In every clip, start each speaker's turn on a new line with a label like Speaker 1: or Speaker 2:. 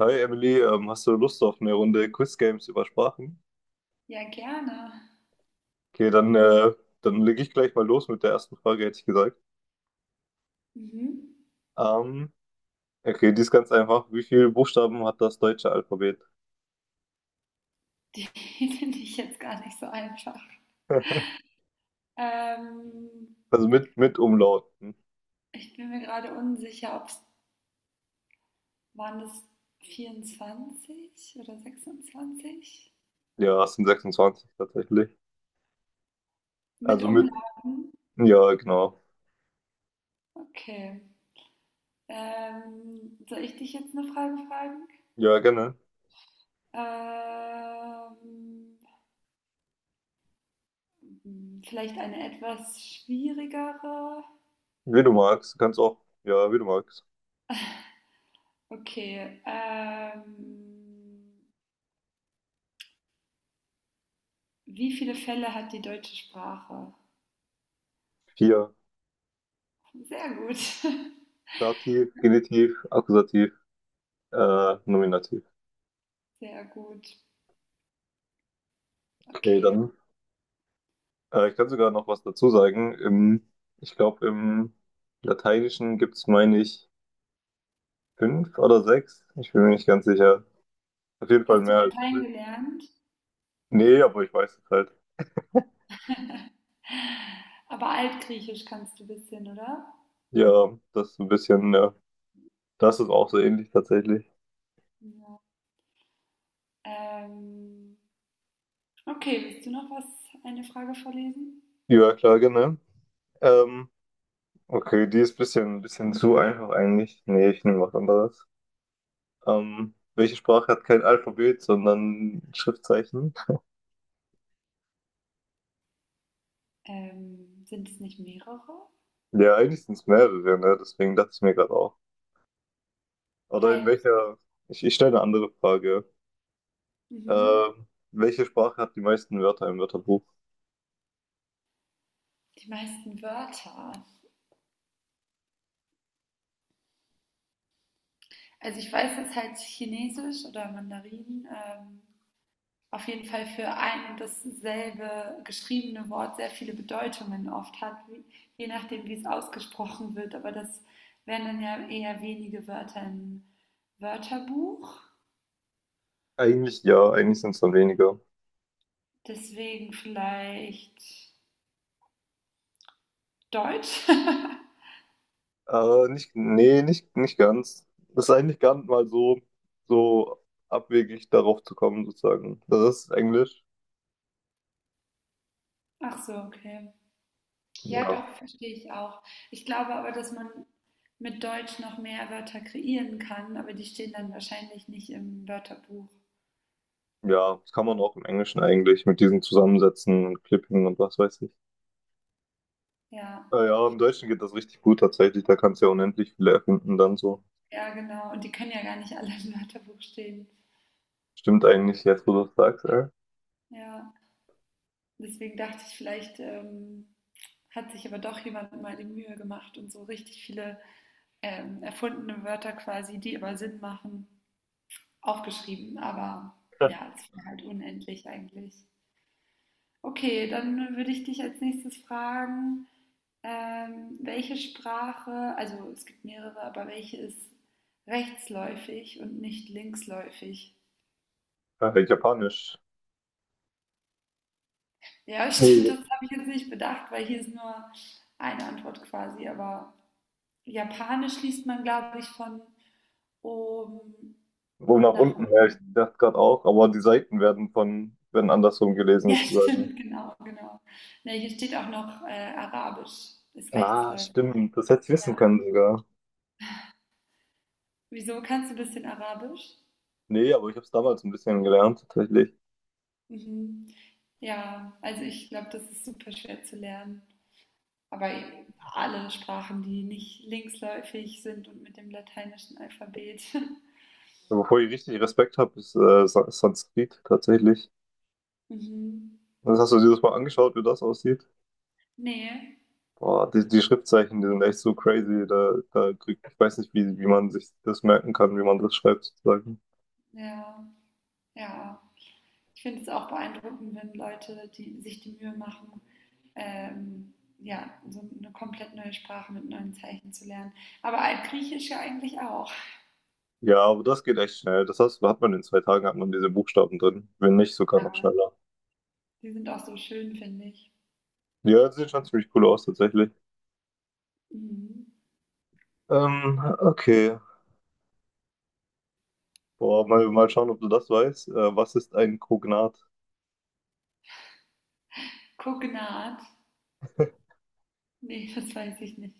Speaker 1: Hi Emily, hast du Lust auf eine Runde Quiz Games über Sprachen?
Speaker 2: Ja, gerne.
Speaker 1: Okay, dann lege ich gleich mal los mit der ersten Frage, hätte ich gesagt.
Speaker 2: Mhm.
Speaker 1: Ähm, okay, die ist ganz einfach. Wie viele Buchstaben hat das deutsche Alphabet?
Speaker 2: Die finde ich jetzt gar nicht so einfach. Ähm,
Speaker 1: Also mit Umlauten.
Speaker 2: ich bin mir gerade unsicher, ob es waren das 24 oder 26?
Speaker 1: Ja, es sind 26 tatsächlich.
Speaker 2: Mit
Speaker 1: Also mit,
Speaker 2: Umlagen?
Speaker 1: ja, genau.
Speaker 2: Okay. Soll ich dich jetzt eine Frage fragen?
Speaker 1: Ja, gerne.
Speaker 2: Ähm, vielleicht eine etwas schwierigere.
Speaker 1: Wie du magst. Du kannst auch, ja, wie du magst.
Speaker 2: Okay. Wie viele Fälle hat die deutsche Sprache?
Speaker 1: Vier.
Speaker 2: Sehr gut.
Speaker 1: Dativ, Genitiv, Akkusativ, Nominativ.
Speaker 2: Sehr gut.
Speaker 1: Okay,
Speaker 2: Okay.
Speaker 1: dann Ich kann sogar noch was dazu sagen. Ich glaube, im Lateinischen gibt's, meine ich, fünf oder sechs. Ich bin mir nicht ganz sicher. Auf jeden Fall
Speaker 2: Hast du
Speaker 1: mehr als
Speaker 2: Latein
Speaker 1: fünf.
Speaker 2: gelernt?
Speaker 1: Nee, aber ich weiß es halt.
Speaker 2: Aber Altgriechisch kannst du ein bisschen, oder?
Speaker 1: Ja, das ist ein bisschen, ja. Das ist auch so ähnlich tatsächlich.
Speaker 2: Ja. Ähm, okay, willst du noch was, eine Frage vorlesen?
Speaker 1: Ja, klar, genau. Ähm, okay, die ist ein bisschen zu einfach eigentlich. Nee, ich nehme was anderes. Welche Sprache hat kein Alphabet, sondern Schriftzeichen?
Speaker 2: Sind es nicht mehrere?
Speaker 1: Ja, eigentlich sind es mehrere, ne? Deswegen dachte ich mir gerade auch. Oder in
Speaker 2: Halt,
Speaker 1: welcher, ich stelle eine andere Frage.
Speaker 2: mhm.
Speaker 1: Welche Sprache hat die meisten Wörter im Wörterbuch?
Speaker 2: Die meisten Wörter. Also ich weiß, dass halt Chinesisch oder Mandarin auf jeden Fall für ein und dasselbe geschriebene Wort sehr viele Bedeutungen oft hat, wie, je nachdem, wie es ausgesprochen wird. Aber das wären dann ja eher wenige Wörter im Wörterbuch.
Speaker 1: Eigentlich ja, eigentlich sind es dann weniger.
Speaker 2: Deswegen vielleicht Deutsch.
Speaker 1: Nicht, nee, nicht ganz. Das ist eigentlich gar nicht mal so abwegig darauf zu kommen, sozusagen. Das ist Englisch.
Speaker 2: Ach so, okay. Ja,
Speaker 1: Ja.
Speaker 2: doch, verstehe ich auch. Ich glaube aber, dass man mit Deutsch noch mehr Wörter kreieren kann, aber die stehen dann wahrscheinlich nicht im Wörterbuch.
Speaker 1: Ja, das kann man auch im Englischen eigentlich mit diesen Zusammensätzen und Clipping und was weiß ich.
Speaker 2: Ja,
Speaker 1: Ja, im Deutschen geht das richtig gut tatsächlich. Da kannst du ja unendlich viele erfinden dann so.
Speaker 2: ja, genau. Und die können ja gar nicht alle im Wörterbuch stehen.
Speaker 1: Stimmt eigentlich jetzt, wo du das sagst, ey.
Speaker 2: Ja. Deswegen dachte ich, vielleicht hat sich aber doch jemand mal die Mühe gemacht und so richtig viele erfundene Wörter quasi, die aber Sinn machen, aufgeschrieben. Aber ja, es wäre halt unendlich eigentlich. Okay, dann würde ich dich als nächstes fragen, welche Sprache, also es gibt mehrere, aber welche ist rechtsläufig und nicht linksläufig?
Speaker 1: Japanisch.
Speaker 2: Ja, stimmt,
Speaker 1: Nee.
Speaker 2: das habe ich jetzt nicht bedacht, weil hier ist nur eine Antwort quasi, aber Japanisch liest man, glaube ich, von oben
Speaker 1: Wo nach
Speaker 2: nach
Speaker 1: unten her, ich
Speaker 2: unten.
Speaker 1: dachte gerade auch, aber die Seiten werden werden andersrum gelesen
Speaker 2: Ja,
Speaker 1: sozusagen.
Speaker 2: stimmt, genau, genau. Ne, hier steht auch noch Arabisch, ist
Speaker 1: Ah,
Speaker 2: rechtsläufig.
Speaker 1: stimmt, das hätte ich wissen
Speaker 2: Ja.
Speaker 1: können sogar.
Speaker 2: Wieso kannst du ein bisschen Arabisch?
Speaker 1: Nee, aber ich habe es damals ein bisschen gelernt, tatsächlich.
Speaker 2: Mhm. Ja, also ich glaube, das ist super schwer zu lernen. Aber alle Sprachen, die nicht linksläufig sind und mit dem lateinischen Alphabet.
Speaker 1: Wovor ich richtig Respekt habe, ist Sanskrit, tatsächlich.
Speaker 2: Mhm.
Speaker 1: Das hast du dir das mal angeschaut, wie das aussieht?
Speaker 2: Nee,
Speaker 1: Boah, die Schriftzeichen, die sind echt so crazy. Da kriegt, ich weiß nicht, wie man sich das merken kann, wie man das schreibt, sozusagen.
Speaker 2: ja, ja. Ich finde es auch beeindruckend, wenn Leute, die sich die Mühe machen, ähm, ja, so eine komplett neue Sprache mit neuen Zeichen zu lernen. Aber Altgriechisch ja eigentlich auch.
Speaker 1: Ja, aber das geht echt schnell. Das heißt, hat man in 2 Tagen, hat man diese Buchstaben drin. Wenn nicht, sogar noch
Speaker 2: Ja,
Speaker 1: schneller.
Speaker 2: die sind auch so schön, finde ich.
Speaker 1: Ja, das sieht schon ziemlich cool aus, tatsächlich.
Speaker 2: Mhm.
Speaker 1: Okay. Boah, mal schauen, ob du das weißt. Was ist ein Kognat?
Speaker 2: Kognat. Nee, das weiß ich nicht.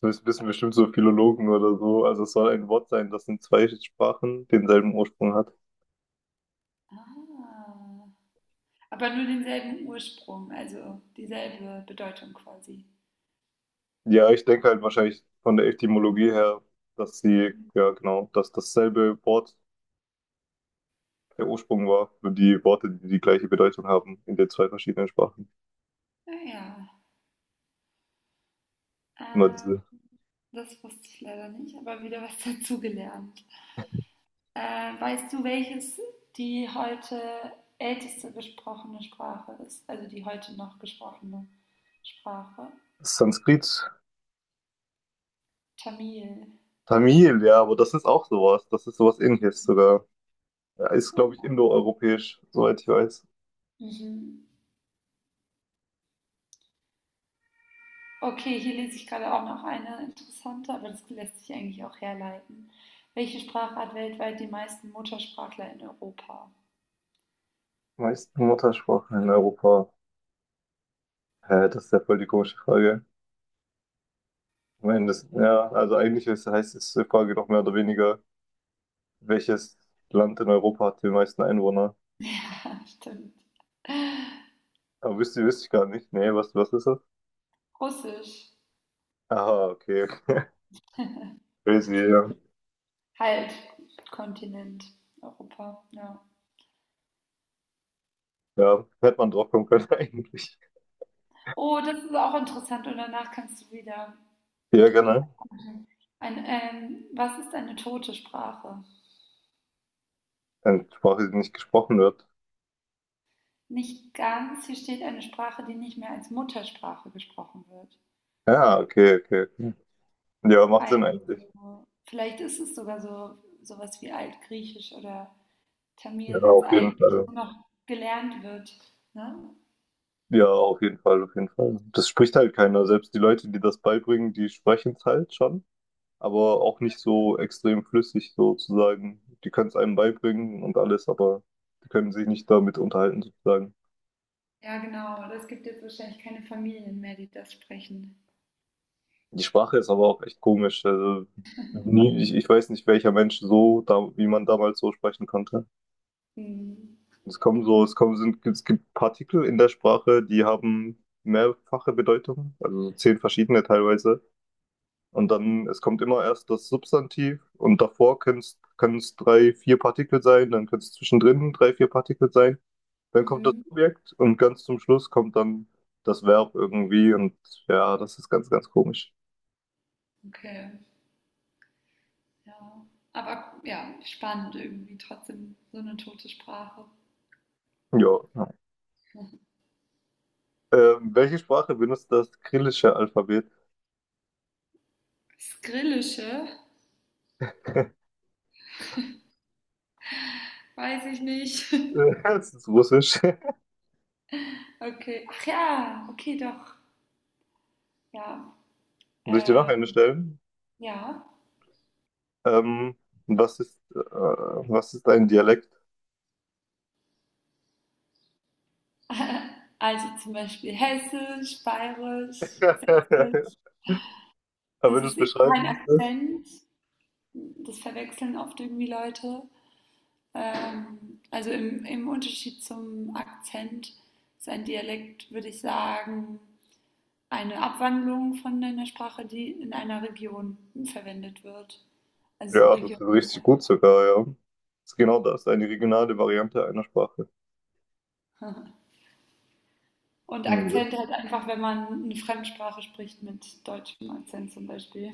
Speaker 1: Das wissen bestimmt so Philologen oder so. Also es soll ein Wort sein, das in zwei Sprachen denselben Ursprung hat.
Speaker 2: Ah. Aber nur denselben Ursprung, also dieselbe Bedeutung quasi.
Speaker 1: Ja, ich denke halt wahrscheinlich von der Etymologie her, dass sie, ja genau, dass dasselbe Wort der Ursprung war für die Worte, die die gleiche Bedeutung haben in den zwei verschiedenen Sprachen.
Speaker 2: Naja,
Speaker 1: Immer
Speaker 2: äh,
Speaker 1: diese
Speaker 2: das wusste ich leider nicht, aber wieder was dazugelernt. Weißt du, welches die heute älteste gesprochene Sprache ist? Also die heute noch gesprochene Sprache?
Speaker 1: Sanskrit,
Speaker 2: Tamil.
Speaker 1: Tamil, ja, aber das ist auch sowas. Das ist sowas Ähnliches sogar. Ja, ist, glaube ich, indoeuropäisch, soweit ich weiß.
Speaker 2: Mhm. Okay, hier lese ich gerade auch noch eine interessante, aber das lässt sich eigentlich auch herleiten. Welche Sprache hat weltweit die meisten Muttersprachler in Europa?
Speaker 1: Meisten Muttersprachen in Europa? Hä, das ist ja voll die komische Frage. Ich meine, das, ja, also eigentlich ist, heißt es die Frage doch mehr oder weniger, welches Land in Europa hat die meisten Einwohner?
Speaker 2: Stimmt.
Speaker 1: Aber wüsste ich gar nicht. Nee, was ist das?
Speaker 2: Russisch.
Speaker 1: Aha, okay. Crazy, ja.
Speaker 2: Halt, Kontinent, Europa, ja.
Speaker 1: Ja, hätte man drauf kommen können eigentlich.
Speaker 2: Oh, das ist auch interessant und danach kannst du wieder
Speaker 1: Ja, genau.
Speaker 2: Wiedervorlesen. Ein, was ist eine tote Sprache?
Speaker 1: Eine Sprache, die nicht gesprochen wird.
Speaker 2: Nicht ganz. Hier steht eine Sprache, die nicht mehr als Muttersprache gesprochen wird.
Speaker 1: Ja, okay, okay, okay. Ja, macht Sinn eigentlich.
Speaker 2: Also, vielleicht ist es sogar so sowas wie Altgriechisch oder
Speaker 1: Ja,
Speaker 2: Tamil, wenn es
Speaker 1: auf jeden
Speaker 2: eigentlich
Speaker 1: Fall.
Speaker 2: nur noch gelernt wird. Ne?
Speaker 1: Ja, auf jeden Fall, auf jeden Fall. Das spricht halt keiner. Selbst die Leute, die das beibringen, die sprechen es halt schon, aber auch nicht so extrem flüssig sozusagen. Die können es einem beibringen und alles, aber die können sich nicht damit unterhalten sozusagen.
Speaker 2: Ja, genau. Aber es gibt jetzt wahrscheinlich keine Familien mehr, die das sprechen.
Speaker 1: Die Sprache ist aber auch echt komisch. Also nie, ich weiß nicht, welcher Mensch so, da, wie man damals so sprechen konnte.
Speaker 2: Hm.
Speaker 1: Es kommen so, es kommen, sind, Es gibt Partikel in der Sprache, die haben mehrfache Bedeutung, also so 10 verschiedene teilweise. Und dann, es kommt immer erst das Substantiv und davor können es drei, vier Partikel sein, dann können es zwischendrin drei, vier Partikel sein. Dann kommt das
Speaker 2: Mhm.
Speaker 1: Subjekt und ganz zum Schluss kommt dann das Verb irgendwie und ja, das ist ganz komisch.
Speaker 2: Okay, ja. Aber ja, spannend irgendwie trotzdem so eine tote Sprache.
Speaker 1: Ja, ja. Welche Sprache benutzt das kyrillische Alphabet?
Speaker 2: Skrillische weiß ich nicht.
Speaker 1: Das ist Russisch.
Speaker 2: Okay. Ach ja, okay, doch. Ja.
Speaker 1: Soll ich dir noch
Speaker 2: Äh,
Speaker 1: eine stellen?
Speaker 2: ja.
Speaker 1: Ähm, was ist ein Dialekt?
Speaker 2: Also zum Beispiel Hessisch, Bayerisch, Sächsisch.
Speaker 1: Aber wenn
Speaker 2: Das
Speaker 1: du es
Speaker 2: ist eben
Speaker 1: beschreiben
Speaker 2: kein
Speaker 1: müsstest,
Speaker 2: Akzent. Das verwechseln oft irgendwie Leute. Also im Unterschied zum Akzent ist ein Dialekt, würde ich sagen, eine Abwandlung von einer Sprache, die in einer Region verwendet wird. Also so
Speaker 1: ja, das
Speaker 2: Region.
Speaker 1: ist richtig gut sogar, ja. Das ist genau das, eine regionale Variante einer Sprache.
Speaker 2: Und
Speaker 1: Hm,
Speaker 2: Akzent halt einfach, wenn man eine Fremdsprache spricht mit deutschem Akzent zum Beispiel.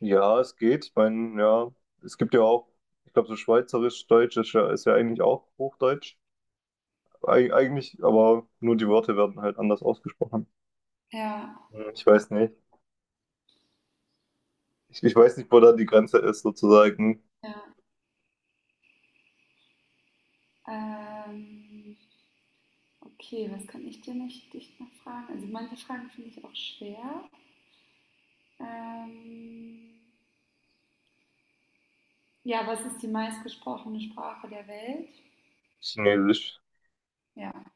Speaker 1: ja, es geht. Ich meine, ja, es gibt ja auch, ich glaube, so Schweizerisch-Deutsch ist ja eigentlich auch Hochdeutsch. Eigentlich, aber nur die Worte werden halt anders ausgesprochen.
Speaker 2: Ja,
Speaker 1: Hm, ich weiß nicht. Ich weiß nicht, wo da die Grenze ist, sozusagen.
Speaker 2: ja. Ähm, okay, was kann ich dir noch, dich noch fragen? Also manche Fragen finde ich auch schwer. Ähm, ja, was ist die meistgesprochene Sprache der Welt?
Speaker 1: Chinesisch.
Speaker 2: Ja,